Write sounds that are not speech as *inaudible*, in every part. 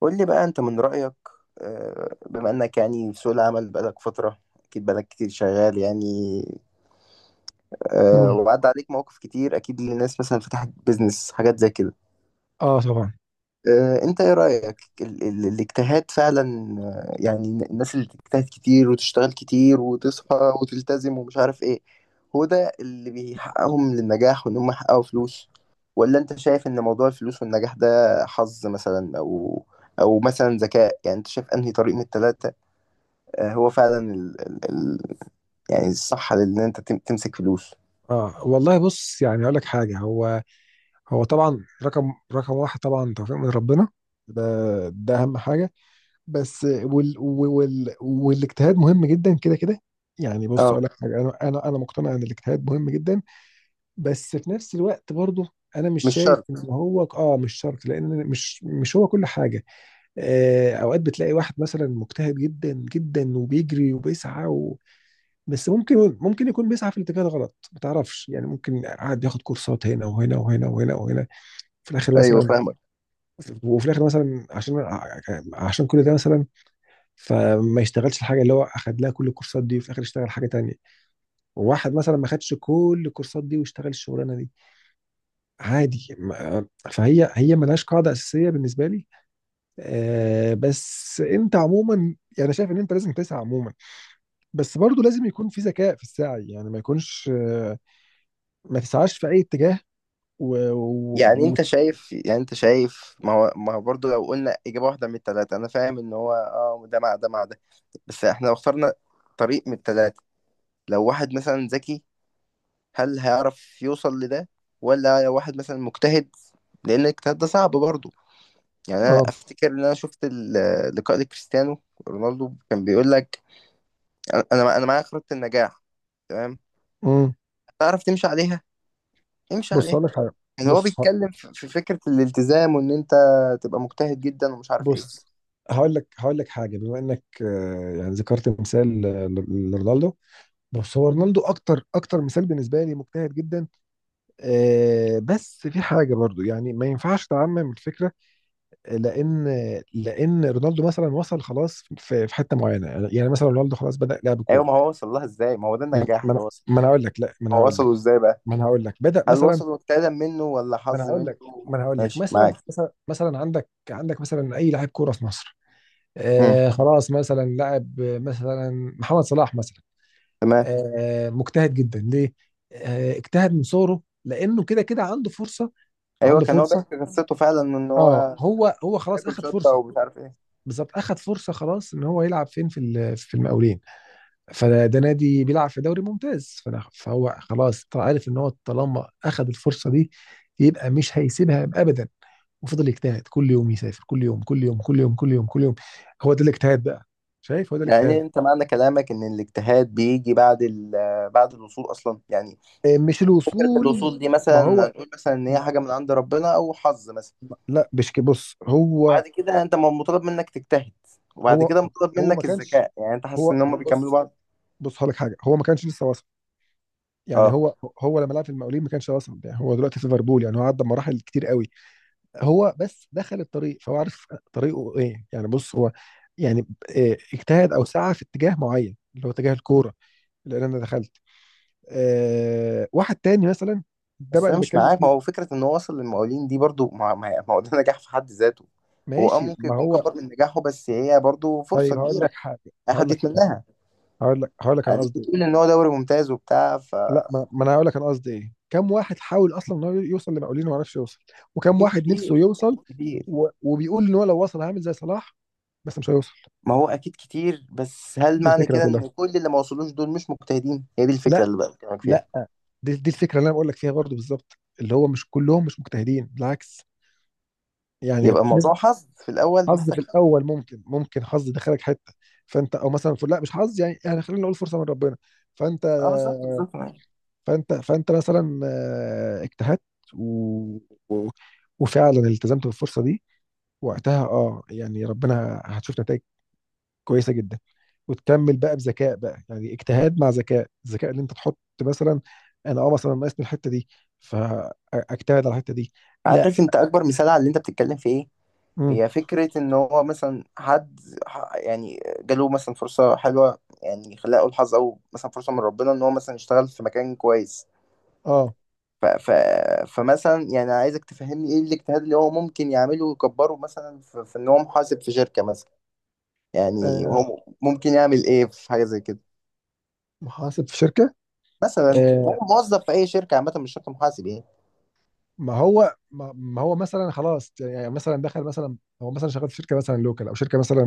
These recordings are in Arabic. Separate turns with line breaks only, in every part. قول لي بقى، انت من رأيك؟ بما انك يعني في سوق العمل بقالك فترة. اكيد بقالك كتير شغال يعني.
مم.
وعدى عليك مواقف كتير، اكيد للناس مثلا فتحت بيزنس حاجات زي كده.
اه طبعا.
انت ايه رأيك ال ال الاجتهاد فعلا؟ يعني الناس اللي بتجتهد كتير وتشتغل كتير وتصحى وتلتزم ومش عارف ايه، هو ده اللي بيحققهم للنجاح وان هم يحققوا فلوس؟ ولا انت شايف ان موضوع الفلوس والنجاح ده حظ مثلا، او مثلا ذكاء؟ يعني انت شايف انهي طريق من التلاتة؟ هو فعلا يعني الصح ان انت تمسك فلوس.
اه والله بص، يعني اقول لك حاجه. هو طبعا رقم واحد طبعا توفيق من ربنا. ده ده اهم حاجه. بس والاجتهاد مهم جدا كده كده. يعني بص
اه،
اقول لك حاجه، انا مقتنع ان الاجتهاد مهم جدا، بس في نفس الوقت برضه انا مش
مش
شايف
شرط.
ان هو مش شرط، لان مش هو كل حاجه. اوقات بتلاقي واحد مثلا مجتهد جدا جدا وبيجري وبيسعى بس ممكن يكون بيسعى في الاتجاه الغلط، ما تعرفش يعني. ممكن قاعد ياخد كورسات هنا وهنا وهنا وهنا وهنا، في الاخر
ايوه،
مثلا،
فاهمك.
وفي الاخر مثلا عشان، عشان كل ده مثلا، فما يشتغلش الحاجه اللي هو اخد لها كل الكورسات دي، وفي الاخر يشتغل حاجه تانية. وواحد مثلا ما خدش كل الكورسات دي واشتغل الشغلانه دي عادي. فهي ملهاش قاعده اساسيه بالنسبه لي. بس انت عموما يعني شايف ان انت لازم تسعى عموما، بس برضو لازم يكون في ذكاء في السعي، يعني ما يكونش ما تسعاش في اي اتجاه. و, و...
يعني
و...
انت شايف يعني انت شايف ما هو برضه، لو قلنا اجابه واحده من الثلاثه، انا فاهم ان هو ده مع ده مع ده، بس احنا لو اخترنا طريق من الثلاثه، لو واحد مثلا ذكي، هل هيعرف يوصل لده؟ ولا لو واحد مثلا مجتهد؟ لان الاجتهاد ده صعب برضه. يعني انا
اه.
افتكر ان انا شفت لقاء لكريستيانو رونالدو، كان بيقول لك انا معايا خريطه النجاح، تمام؟
امم.
تعرف تمشي عليها؟ امشي
بص
عليها.
هقول لك حاجه.
يعني هو
بص ه-
بيتكلم في فكرة الالتزام وان انت تبقى مجتهد جدا ومش عارف ايه.
بص هقول لك حاجه. بما انك يعني ذكرت مثال، لرونالدو. بص، هو رونالدو اكتر مثال بالنسبه لي مجتهد جدا. بس في حاجه برضو، يعني ما ينفعش تعمم الفكره، لان لان رونالدو مثلا وصل خلاص في حته معينه، يعني مثلا رونالدو خلاص بدا لعب
ايوه،
كوره.
ما هو وصل لها ازاي؟ ما هو ده
ما
النجاح
ما
اللي
انا
وصل.
ما أنا هقول لك لا، ما انا
هو
هقول لك
وصله ازاي بقى؟
ما انا هقول لك بدا
هل
مثلا.
وصل اجتهادا منه ولا
ما انا
حظ
هقول
منه؟
لك ما انا هقول لك
ماشي
مثلا،
معاك.
مثلا، عندك مثلا اي لاعب كوره في مصر.
امم.
آه خلاص مثلا لاعب، آه، مثلا محمد صلاح مثلا.
تمام.
آه مجتهد جدا. ليه؟ آه اجتهد من صغره، لانه كده كده عنده فرصه.
ايوه،
عنده
كان هو بيحكي
فرصه
قصته فعلا، ان
اه
هو
هو خلاص
ياكل
اخد
شطه
فرصه.
ومش عارف ايه.
بالظبط اخد فرصه خلاص ان هو يلعب فين في في المقاولين. فده نادي بيلعب في دوري ممتاز، فهو خلاص طلع عارف ان هو طالما اخذ الفرصه دي، يبقى مش هيسيبها ابدا. وفضل يجتهد كل يوم، يسافر كل يوم كل يوم كل يوم كل يوم كل يوم. هو ده الاجتهاد بقى. شايف، هو ده
يعني إيه؟
الاجتهاد.
انت معنى كلامك ان الاجتهاد بيجي بعد بعد الوصول اصلا يعني؟
إيه، مش
فكره
الوصول.
الوصول دي
ما
مثلا
هو
هنقول مثلا ان هي
ما
حاجه من عند ربنا او حظ مثلا.
لا مش كده. بص هو
بعد كده انت مطالب منك تجتهد، وبعد
هو
كده مطالب
هو ما
منك
كانش.
الذكاء. يعني انت حاسس
هو
ان
هو
هم بيكملوا
بص،
بعض.
بص هقول لك حاجه، هو ما كانش لسه واصل. يعني
اه،
هو لما لعب في المقاولين ما كانش واصل، يعني هو دلوقتي في ليفربول، يعني هو عدى مراحل كتير قوي. هو بس دخل الطريق فهو عارف طريقه ايه. يعني بص، هو يعني اجتهد او سعى في اتجاه معين، اللي هو اتجاه الكوره اللي انا دخلت. أه، واحد تاني مثلا، ده
بس
بقى
انا
اللي
مش
بتكلم
معاك. ما
فيه.
هو فكره ان هو وصل للمقاولين دي برضو، ما هو ده نجاح في حد ذاته. هو
ماشي،
ممكن
ما
يكون
هو
كبر من نجاحه، بس هي برضو
طيب.
فرصه
هقول
كبيره
لك حاجه
اي
هقول
حد
لك حاجه
يتمناها.
هقول لك هقول لك انا
اديك
قصدي ايه.
بتقول ان هو دوري ممتاز وبتاع.
لا ما انا هقول لك انا قصدي ايه. كم واحد حاول اصلا ان هو يوصل لمقاولين وما عرفش يوصل. وكم
فاكيد
واحد نفسه
كتير،
يوصل
اكيد كتير.
وبيقول ان هو لو وصل هعمل زي صلاح، بس مش هيوصل.
ما هو اكيد كتير، بس هل
دي
معنى
الفكره
كده
كلها.
ان كل اللي ما وصلوش دول مش مجتهدين؟ هي دي الفكره
لا،
اللي بقى بكلمك فيها.
لا، دي الفكره اللي انا بقول لك فيها برضه بالظبط، اللي هو مش كلهم مش مجتهدين بالعكس، يعني
يبقى
نسبه.
الموضوع حظ في الاول،
حظ
محتاج
في
حظ.
الاول، ممكن حظ دخلك حته، فانت او مثلا، لا مش حظ، يعني يعني خلينا نقول فرصه من ربنا. فانت
اه، بالظبط، بالظبط.
فانت مثلا اجتهدت و... و... وفعلا التزمت بالفرصه دي، وقتها اه يعني ربنا هتشوف نتائج كويسه جدا. وتكمل بقى بذكاء بقى، يعني اجتهاد مع ذكاء. الذكاء اللي انت تحط مثلا: انا اه مثلا ناقصني الحته دي، فاجتهد على الحته دي. لا.
عارف انت اكبر مثال على اللي انت بتتكلم في ايه؟
امم.
هي فكرة ان هو مثلا حد يعني جاله مثلا فرصة حلوة، يعني خلينا اقول حظ او مثلا فرصة من ربنا، ان هو مثلا يشتغل في مكان كويس.
اه.
ف ف فمثلا يعني عايزك تفهمني ايه الاجتهاد اللي هو ممكن يعمله ويكبره، مثلا في ان هو محاسب في شركة مثلا. يعني
آه،
هو ممكن يعمل ايه في حاجة زي كده؟
محاسب في شركه.
مثلا هو
آه،
موظف في اي شركة عامة، مش شرط محاسب يعني.
ما هو مثلا خلاص، يعني مثلا دخل مثلا، هو مثلا شغال في شركه مثلا لوكال، او شركه مثلا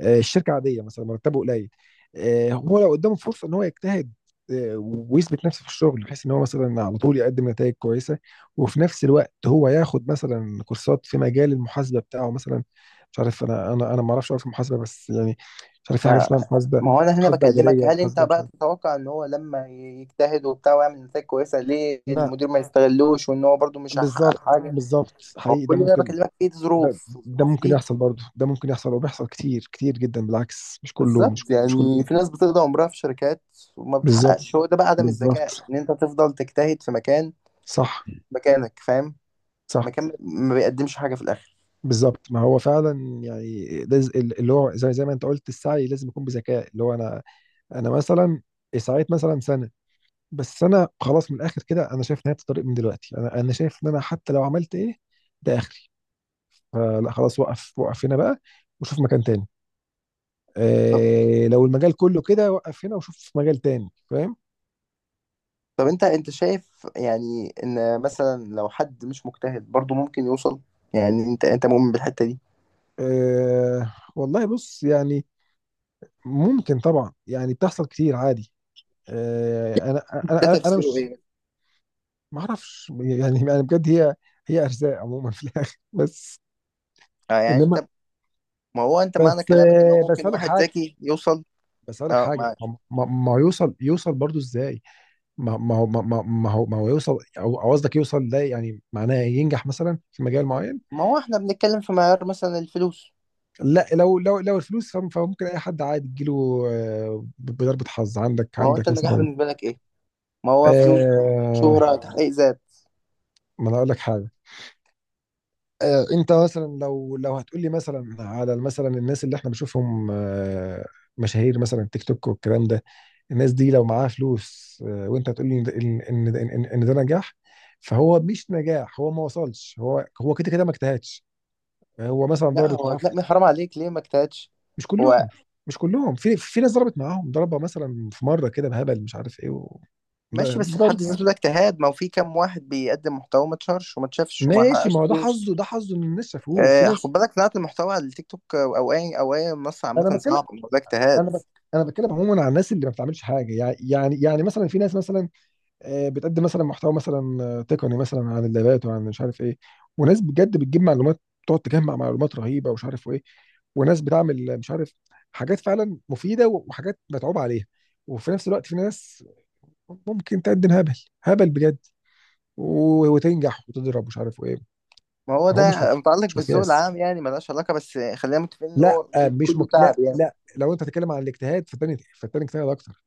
الشركه عاديه مثلا، مرتبه قليل. هو لو قدامه فرصه ان هو يجتهد، ويثبت نفسه في الشغل بحيث ان هو مثلا على طول يقدم نتائج كويسه، وفي نفس الوقت هو ياخد مثلا كورسات في مجال المحاسبه بتاعه مثلا. مش عارف، انا ما اعرفش أوي في المحاسبه بس يعني، مش عارف، في حاجه
ما
اسمها محاسبه،
ما هو انا هنا
محاسبه
بكلمك،
اداريه،
هل انت
محاسبه، مش
بقى
عارف.
تتوقع ان هو لما يجتهد وبتاع ويعمل نتائج كويسه، ليه
لا،
المدير ما يستغلوش؟ وان هو برضو مش هيحقق
بالظبط
حاجه؟
بالظبط
ما هو
حقيقي ده
كل ده أنا
ممكن.
بكلمك فيه
ده ده
الظروف
ممكن
دي.
يحصل برضه، ده ممكن يحصل وبيحصل كتير كتير جدا بالعكس، مش كله،
بالظبط.
مش كله
يعني في
بينجح.
ناس بتقضي عمرها في شركات وما
بالظبط.
بتحققش. هو ده بقى عدم الذكاء،
بالظبط.
ان انت تفضل تجتهد في مكان،
صح.
مكانك، فاهم؟
صح.
مكان ما بيقدمش حاجه في الاخر.
بالظبط، ما هو فعلا يعني لازم اللي هو زي ما انت قلت، السعي لازم يكون بذكاء. اللي هو انا مثلا سعيت مثلا سنه، بس انا خلاص من الاخر كده انا شايف نهايه الطريق من دلوقتي. انا شايف ان انا حتى لو عملت ايه ده اخري. فلا خلاص، وقف هنا بقى وشوف مكان تاني.
طب
إيه، لو المجال كله كده وقف هنا وشوف مجال تاني، فاهم.
طب انت شايف يعني ان مثلا لو حد مش مجتهد برضو ممكن يوصل؟ يعني انت مؤمن بالحته دي؟
إيه والله بص يعني، ممكن طبعا يعني، بتحصل كتير عادي. إيه، انا انا
ده
انا أنا
تفسيره
مش،
ايه؟
ما اعرفش يعني، يعني بجد هي ارزاق عموما في الاخر بس.
اه، يعني
انما،
انت، ما هو انت معنى
بس
كلامك ان هو
بس
ممكن
اقول لك
واحد
حاجه
ذكي يوصل.
بس اقول لك
اه،
حاجه
معاك.
ما هو يوصل، يوصل برضو ازاي؟ ما هو يوصل، او أو قصدك يوصل ده يعني معناه ينجح مثلا في مجال معين.
ما هو احنا بنتكلم في معيار مثلا الفلوس.
لا لو لو الفلوس فممكن اي حد عادي تجيله بضربة حظ. عندك
ما هو انت،
عندك
النجاح
مثلا
بالنسبه لك ايه؟ ما هو فلوس؟
آه،
شهره؟ تحقيق ذات؟
ما انا اقول لك حاجه، انت مثلا لو هتقولي مثلا على مثلا الناس اللي احنا بنشوفهم مشاهير مثلا تيك توك والكلام ده، الناس دي لو معاها فلوس وانت هتقولي ان ده- ان ان إن إن ده نجاح، فهو مش نجاح. هو ما وصلش، هو كده كده ما اجتهدش. هو مثلا
لا،
ضربت
هو
معاه
لا، من حرام عليك، ليه ما اجتهدش
مش
هو؟
كلهم، في في ناس ضربت معاهم ضربة مثلا في مرة كده بهبل مش عارف ايه
ماشي، بس في حد
ضربت معاهم.
ذاته ده اجتهاد. ما هو في كام واحد بيقدم محتوى ما اتشهرش وما
*laughs*
اتشافش وما
ماشي، ما
حققش
هو ده
فلوس.
حظه، ده حظه ان الناس شافوه. في
اه، خد
ناس،
بالك، صناعه المحتوى على التيك توك او اي او اي منصه عامه
انا
صعبه.
بتكلم
ما هو ده اجتهاد.
انا بك... انا بتكلم عموما عن الناس اللي ما بتعملش حاجه، يعني يعني مثلا في ناس مثلا بتقدم مثلا محتوى مثلا تقني مثلا عن اللابات وعن مش عارف ايه، وناس بجد بتجيب معلومات، تقعد تجمع معلومات رهيبه ومش عارف ايه. وناس بتعمل مش عارف، حاجات فعلا مفيده وحاجات متعوب عليها. وفي نفس الوقت في ناس ممكن تقدم هبل، هبل بجد، وتنجح وتضرب مش عارف ايه.
ما هو
فهو
ده متعلق
مش
بالذوق
مقياس.
العام يعني، ملهاش علاقه، بس خلينا متفقين ان
لا
هو
آه، مش
كله
مك... لا،
تعب يعني.
لا، لو انت هتتكلم عن الاجتهاد، فالتاني اجتهد اكتر.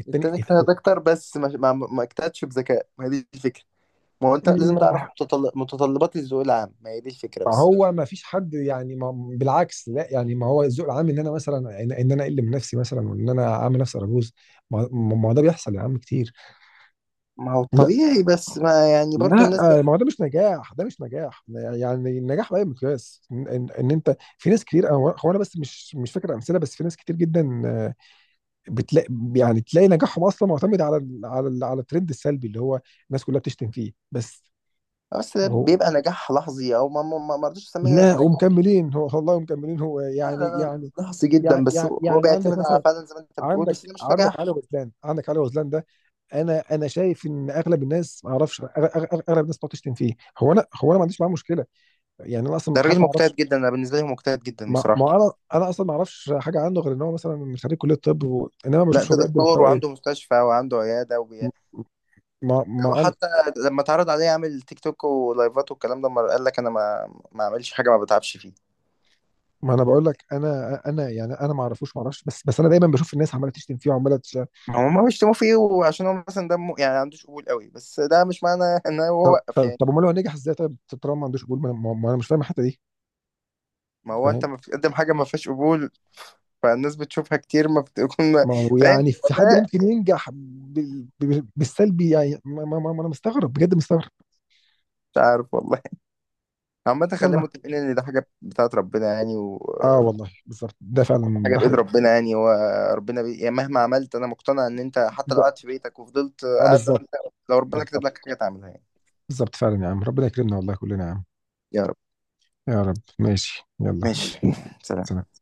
التاني،
التاني اجتهد اكتر، بس ما اجتهدش بذكاء، ما هي دي الفكره. ما هو انت لازم تعرف
ما
متطلبات الذوق العام، ما هي دي الفكره بس.
هو ما فيش حد يعني ما بالعكس، لا، يعني ما هو الذوق العام ان انا مثلا، ان انا اقل من نفسي مثلا، وان انا اعمل نفسي ارجوز. ما هو ده بيحصل يا عم كتير.
ما هو
لا،
طبيعي، بس ما يعني برضو
لا،
الناس ده.
ما هو ده مش نجاح، ده مش نجاح. يعني النجاح بأي مقياس ان إن إن انت، في ناس كتير، أنا- هو انا بس مش فاكر امثله، بس في ناس كتير جدا بتلاقي، يعني تلاقي نجاحهم اصلا معتمد على على الترند السلبي اللي هو الناس كلها بتشتم فيه بس.
بس ده بيبقى نجاح لحظي، او ما رضيتش اسميه
لا
نجاح.
ومكملين، هو والله مكملين، هو
لا، لا، لا، لحظي جدا، بس هو
يعني عندك
بيعتمد على
مثلا
فعلا زي ما انت بتقول، بس
عندك
ده مش
عندك علي
نجاح.
غزلان. عندك علي غزلان ده انا شايف ان اغلب الناس، ما اعرفش، اغلب الناس بتقعد تشتم فيه. هو انا هو انا ما عنديش معاه مشكله، يعني انا
ده
اصلا حتى
راجل
ما اعرفش.
مجتهد جدا، انا بالنسبه لي هو مجتهد جدا
ما
بصراحه.
ما انا انا اصلا ما اعرفش حاجه عنه غير ان هو مثلا خريج كليه طب انما ما
لا،
بشوفش هو
ده
بيقدم
دكتور
محتوى
وعنده
ايه.
مستشفى وعنده عياده
م- ما
ده هو
ما انا
حتى لما اتعرض عليه يعمل تيك توك ولايفات والكلام ده، ما قال لك انا ما اعملش حاجه ما بتعبش فيها.
ما انا بقول لك، انا يعني انا ما اعرفوش، ما اعرفش، بس بس انا دايما بشوف الناس عماله تشتم فيه وعماله.
هو، ما هم بيشتموا فيه وعشان هو مثلا دمه يعني عندوش قبول قوي، بس ده مش معنى ان هو
طب
وقف
طب
يعني.
طب امال هو نجح ازاي طيب، طالما ما عندوش قبول، ما انا مش فاهم الحته دي،
ما هو انت
فاهم.
ما بتقدم حاجه ما فيهاش قبول، فالناس بتشوفها كتير ما بتكون.
ما
*laughs*
هو
فاهم
يعني
هو
في حد
ده؟
ممكن ينجح بالسلبي يعني. ما انا مستغرب بجد، مستغرب.
مش عارف والله. عامه خلينا
يلا.
متفقين ان ده حاجه بتاعت ربنا يعني
اه والله بالظبط، ده
وكل
فعلا
حاجه
ده
بايد
حقيقي.
ربنا يعني. هو ربنا يعني مهما عملت انا مقتنع ان انت حتى لو
ده
قعدت في بيتك وفضلت
اه
قاعد زي ما
بالظبط.
انت، لو ربنا كتب لك
بالظبط،
حاجه تعملها يعني.
بالظبط فعلا يا عم ربنا يكرمنا والله كلنا يا عم.
يا رب،
يا رب. ماشي يلا.
ماشي. *laughs* سلام.
سلام.